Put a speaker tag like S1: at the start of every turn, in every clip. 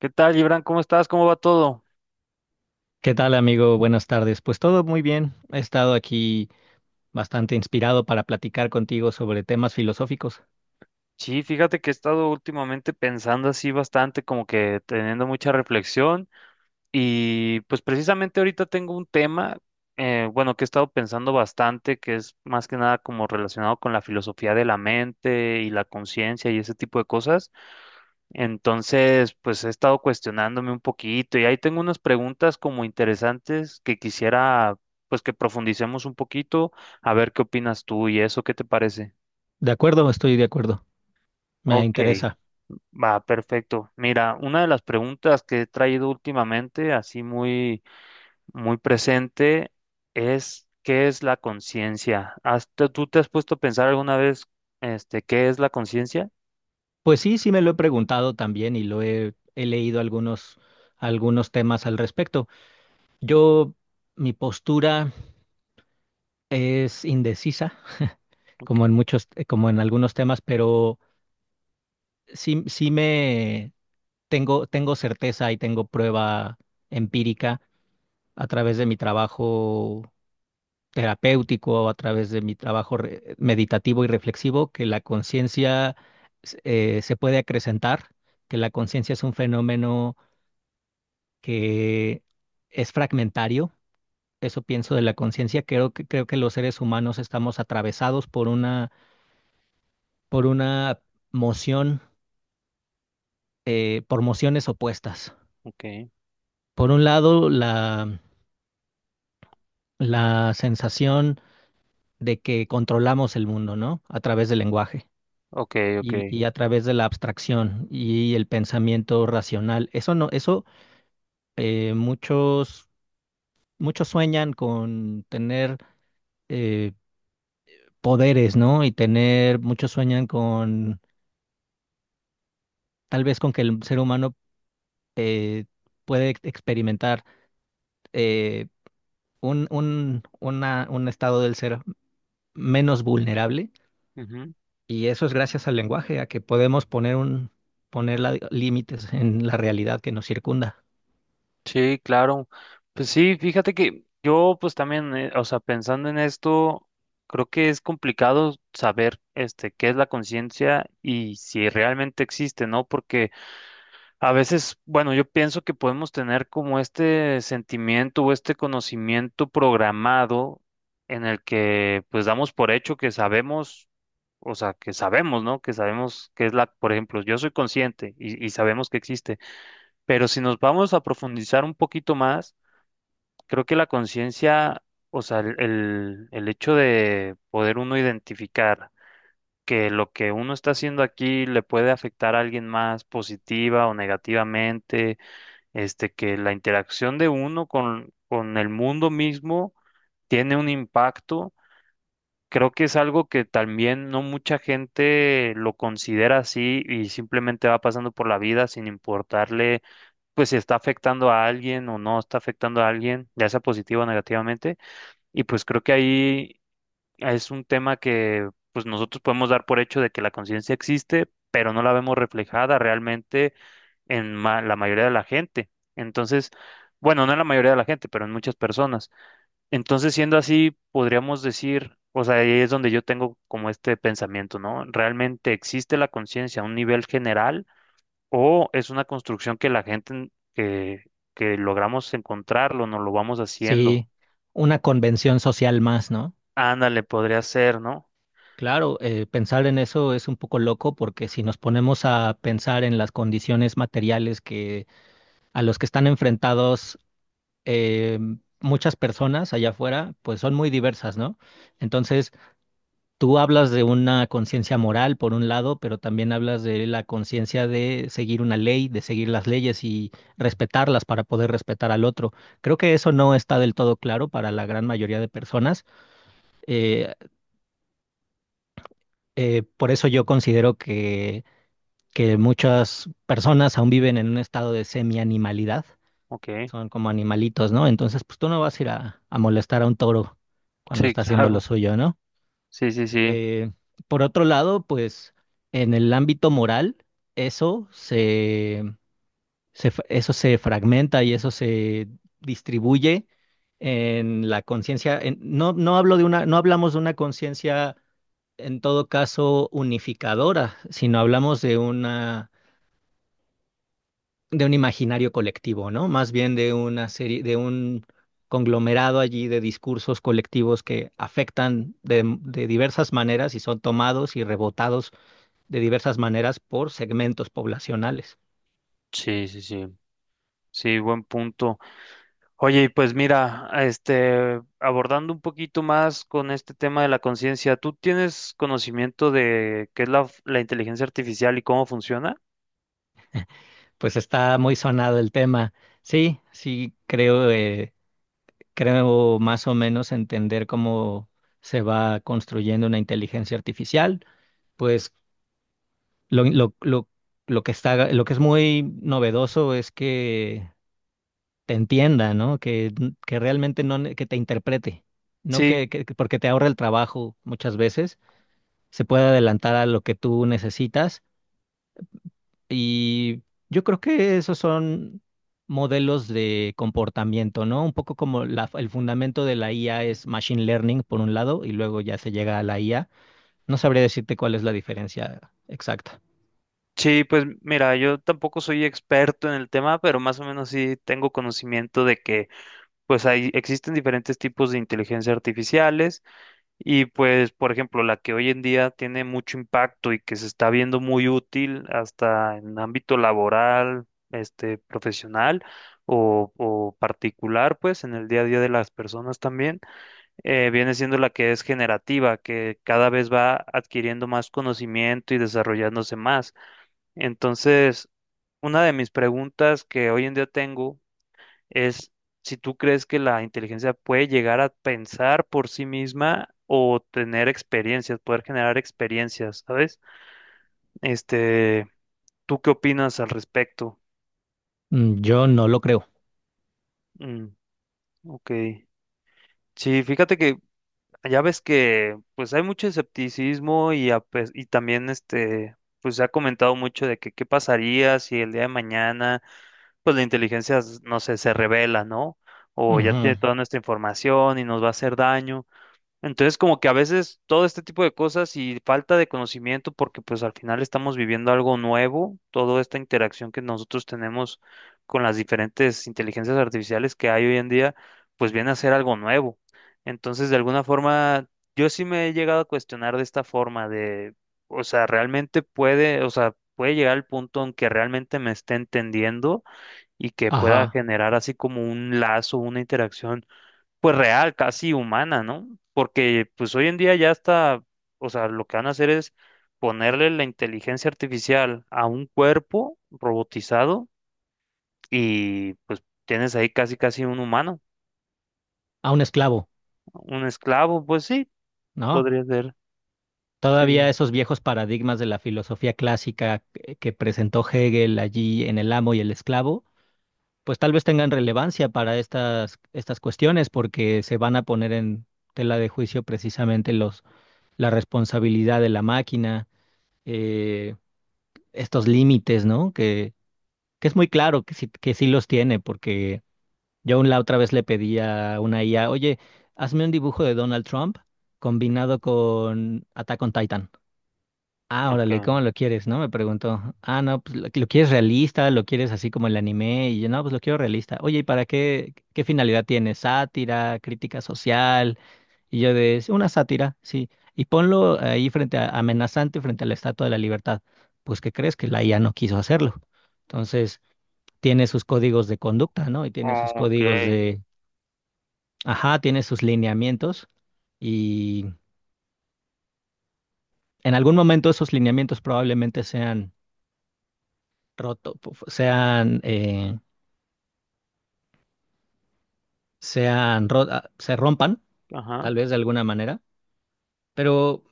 S1: ¿Qué tal, Gibran? ¿Cómo estás? ¿Cómo va todo?
S2: ¿Qué tal, amigo? Buenas tardes. Pues todo muy bien. He estado aquí bastante inspirado para platicar contigo sobre temas filosóficos.
S1: Sí, fíjate que he estado últimamente pensando así bastante, como que teniendo mucha reflexión y pues precisamente ahorita tengo un tema, bueno, que he estado pensando bastante, que es más que nada como relacionado con la filosofía de la mente y la conciencia y ese tipo de cosas. Entonces, pues he estado cuestionándome un poquito y ahí tengo unas preguntas como interesantes que quisiera pues que profundicemos un poquito, a ver qué opinas tú y eso, ¿qué te parece?
S2: De acuerdo, estoy de acuerdo. Me
S1: Ok,
S2: interesa.
S1: va, perfecto. Mira, una de las preguntas que he traído últimamente, así muy, muy presente, es ¿qué es la conciencia? ¿Tú te has puesto a pensar alguna vez, qué es la conciencia?
S2: Pues sí, sí me lo he preguntado también y lo he leído algunos temas al respecto. Yo, mi postura es indecisa, como en
S1: Ok,
S2: muchos, como en algunos temas, pero sí, sí me tengo certeza y tengo prueba empírica a través de mi trabajo terapéutico a través de mi trabajo meditativo y reflexivo, que la conciencia se puede acrecentar, que la conciencia es un fenómeno que es fragmentario. Eso pienso de la conciencia. Creo creo que los seres humanos estamos atravesados por una moción, por mociones opuestas.
S1: ok,
S2: Por un lado, la sensación de que controlamos el mundo, ¿no? A través del lenguaje
S1: ok, ok.
S2: y a través de la abstracción y el pensamiento racional. Eso no, eso eh, muchos, muchos sueñan con tener eh, poderes, ¿no? Y tener, muchos sueñan con, tal vez con que el ser humano eh, puede experimentar eh, un estado del ser menos vulnerable.
S1: Ujú.
S2: Y eso es gracias al lenguaje, a que podemos límites en la realidad que nos circunda.
S1: Sí, claro. Pues sí, fíjate que yo, pues también, o sea, pensando en esto, creo que es complicado saber, qué es la conciencia y si realmente existe, ¿no? Porque a veces, bueno, yo pienso que podemos tener como este sentimiento o este conocimiento programado en el que pues damos por hecho que sabemos, o sea, que sabemos, ¿no? Que sabemos que es la, por ejemplo, yo soy consciente y sabemos que existe, pero si nos vamos a profundizar un poquito más, creo que la conciencia, o sea, el hecho de poder uno identificar que lo que uno está haciendo aquí le puede afectar a alguien más positiva o negativamente, que la interacción de uno con el mundo mismo tiene un impacto. Creo que es algo que también no mucha gente lo considera así y simplemente va pasando por la vida sin importarle, pues si está afectando a alguien o no está afectando a alguien, ya sea positivo o negativamente. Y pues creo que ahí es un tema que pues nosotros podemos dar por hecho de que la conciencia existe, pero no la vemos reflejada realmente en la mayoría de la gente. Entonces, bueno, no en la mayoría de la gente, pero en muchas personas. Entonces, siendo así, podríamos decir, o sea, ahí es donde yo tengo como este pensamiento, ¿no? ¿Realmente existe la conciencia a un nivel general o es una construcción que la gente que logramos encontrarlo, nos lo vamos haciendo?
S2: Sí, una convención social más, ¿no?
S1: Ándale, podría ser, ¿no?
S2: Claro, pensar en eso es un poco loco porque si nos ponemos a pensar en las condiciones materiales que a los que están enfrentados eh, muchas personas allá afuera, pues son muy diversas, ¿no? Entonces, tú hablas de una conciencia moral por un lado, pero también hablas de la conciencia de seguir una ley, de seguir las leyes y respetarlas para poder respetar al otro. Creo que eso no está del todo claro para la gran mayoría de personas. Eh, por eso yo considero que muchas personas aún viven en un estado de semi-animalidad,
S1: Ok.
S2: son como animalitos, ¿no? Entonces, pues tú no vas a ir a molestar a un toro cuando
S1: Sí,
S2: está haciendo lo
S1: claro.
S2: suyo, ¿no?
S1: Sí, sí, sí.
S2: Eh, por otro lado, pues en el ámbito moral, eso se, eso se fragmenta y eso se distribuye en la conciencia. No, no hablo de una, no hablamos de una conciencia en todo caso unificadora, si no hablamos de una de un imaginario colectivo, ¿no? Más bien de una serie, de un conglomerado allí de discursos colectivos que afectan de diversas maneras y son tomados y rebotados de diversas maneras por segmentos poblacionales.
S1: Sí, sí, sí. Sí, buen punto. Oye, y pues mira, abordando un poquito más con este tema de la conciencia, ¿tú tienes conocimiento de qué es la inteligencia artificial y cómo funciona?
S2: Pues está muy sonado el tema. Sí, sí, creo, creo más o menos entender cómo se va construyendo una inteligencia artificial. Pues Lo, lo, lo, lo que está, lo que es muy novedoso es que te entienda, ¿no? Que realmente no, que te interprete, no
S1: Sí,
S2: que porque te ahorra el trabajo muchas veces, se puede adelantar a lo que tú necesitas y yo creo que esos son modelos de comportamiento, ¿no? Un poco como el fundamento de la IA es machine learning por un lado y luego ya se llega a la IA. No sabría decirte cuál es la diferencia exacta.
S1: sí, pues mira, yo tampoco soy experto en el tema, pero más o menos sí tengo conocimiento de que pues hay, existen diferentes tipos de inteligencia artificiales. Y pues, por ejemplo, la que hoy en día tiene mucho impacto y que se está viendo muy útil hasta en ámbito laboral, profesional o particular, pues en el día a día de las personas también, viene siendo la que es generativa, que cada vez va adquiriendo más conocimiento y desarrollándose más. Entonces, una de mis preguntas que hoy en día tengo es si tú crees que la inteligencia puede llegar a pensar por sí misma o tener experiencias, poder generar experiencias, ¿sabes? Este, ¿Tú qué opinas al respecto?
S2: Mm, yo no lo creo.
S1: Mm, ok. Sí, fíjate que ya ves que pues hay mucho escepticismo y también, pues se ha comentado mucho de que qué pasaría si el día de mañana pues la inteligencia, no sé, se revela, ¿no? O ya
S2: Ujú.
S1: tiene toda nuestra información y nos va a hacer daño. Entonces, como que a veces todo este tipo de cosas y falta de conocimiento, porque pues al final estamos viviendo algo nuevo, toda esta interacción que nosotros tenemos con las diferentes inteligencias artificiales que hay hoy en día, pues viene a ser algo nuevo. Entonces, de alguna forma, yo sí me he llegado a cuestionar de esta forma de, o sea, realmente puede, o sea, puede llegar al punto en que realmente me esté entendiendo y que pueda
S2: Ajá,
S1: generar así como un lazo, una interacción pues real, casi humana, ¿no? Porque pues hoy en día ya está, o sea, lo que van a hacer es ponerle la inteligencia artificial a un cuerpo robotizado y pues tienes ahí casi casi un humano,
S2: a un esclavo,
S1: un esclavo, pues sí,
S2: ¿no?
S1: podría ser. Sí.
S2: Todavía esos viejos paradigmas de la filosofía clásica que presentó Hegel allí en El amo y el esclavo, pues tal vez tengan relevancia para estas cuestiones porque se van a poner en tela de juicio precisamente la responsabilidad de la máquina, eh, estos límites, ¿no? Que es muy claro que sí los tiene porque yo aún la otra vez le pedí a una IA, oye, hazme un dibujo de Donald Trump combinado con Attack on Titan. Ah, órale,
S1: Ok.
S2: ¿cómo lo quieres? ¿No? Me preguntó. Ah, no, pues lo quieres realista, lo quieres así como el anime. Y yo, no, pues lo quiero realista. Oye, ¿y para qué, qué finalidad tiene? ¿Sátira? ¿Crítica social? Y yo de, "Es una sátira, sí. Y ponlo ahí frente a, amenazante frente a la Estatua de la Libertad. Pues, ¿qué crees? Que la IA no quiso hacerlo. Entonces, tiene sus códigos de conducta, ¿no? Y tiene sus
S1: Ok.
S2: códigos. Ajá, tiene sus lineamientos y en algún momento esos lineamientos probablemente sean roto, pu- fu- sean, sean ro- ah, se rompan,
S1: Ajá.
S2: tal vez de alguna manera, pero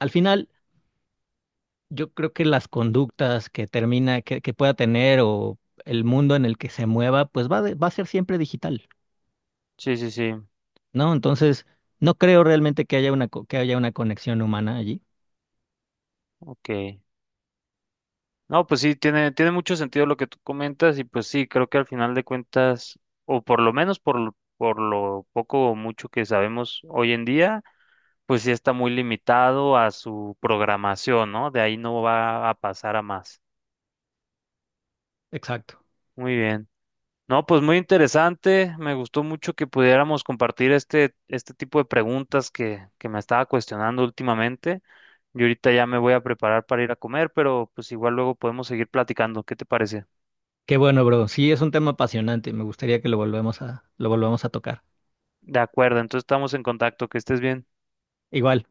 S2: al final yo creo que las conductas que que pueda tener o el mundo en el que se mueva, pues va a ser siempre digital,
S1: Sí, sí, sí.
S2: ¿no? Entonces, no creo realmente que haya que haya una conexión humana allí.
S1: Ok. No, pues sí, tiene mucho sentido lo que tú comentas y pues sí, creo que al final de cuentas, o por lo menos por, por lo poco o mucho que sabemos hoy en día, pues sí está muy limitado a su programación, ¿no? De ahí no va a pasar a más.
S2: Exacto.
S1: Muy bien. No, pues muy interesante. Me gustó mucho que pudiéramos compartir este tipo de preguntas que me estaba cuestionando últimamente. Yo ahorita ya me voy a preparar para ir a comer, pero pues igual luego podemos seguir platicando. ¿Qué te parece?
S2: Qué bueno, bro. Sí, es un tema apasionante. Me gustaría que lo volvamos a tocar.
S1: De acuerdo, entonces estamos en contacto. Que estés bien.
S2: Igual.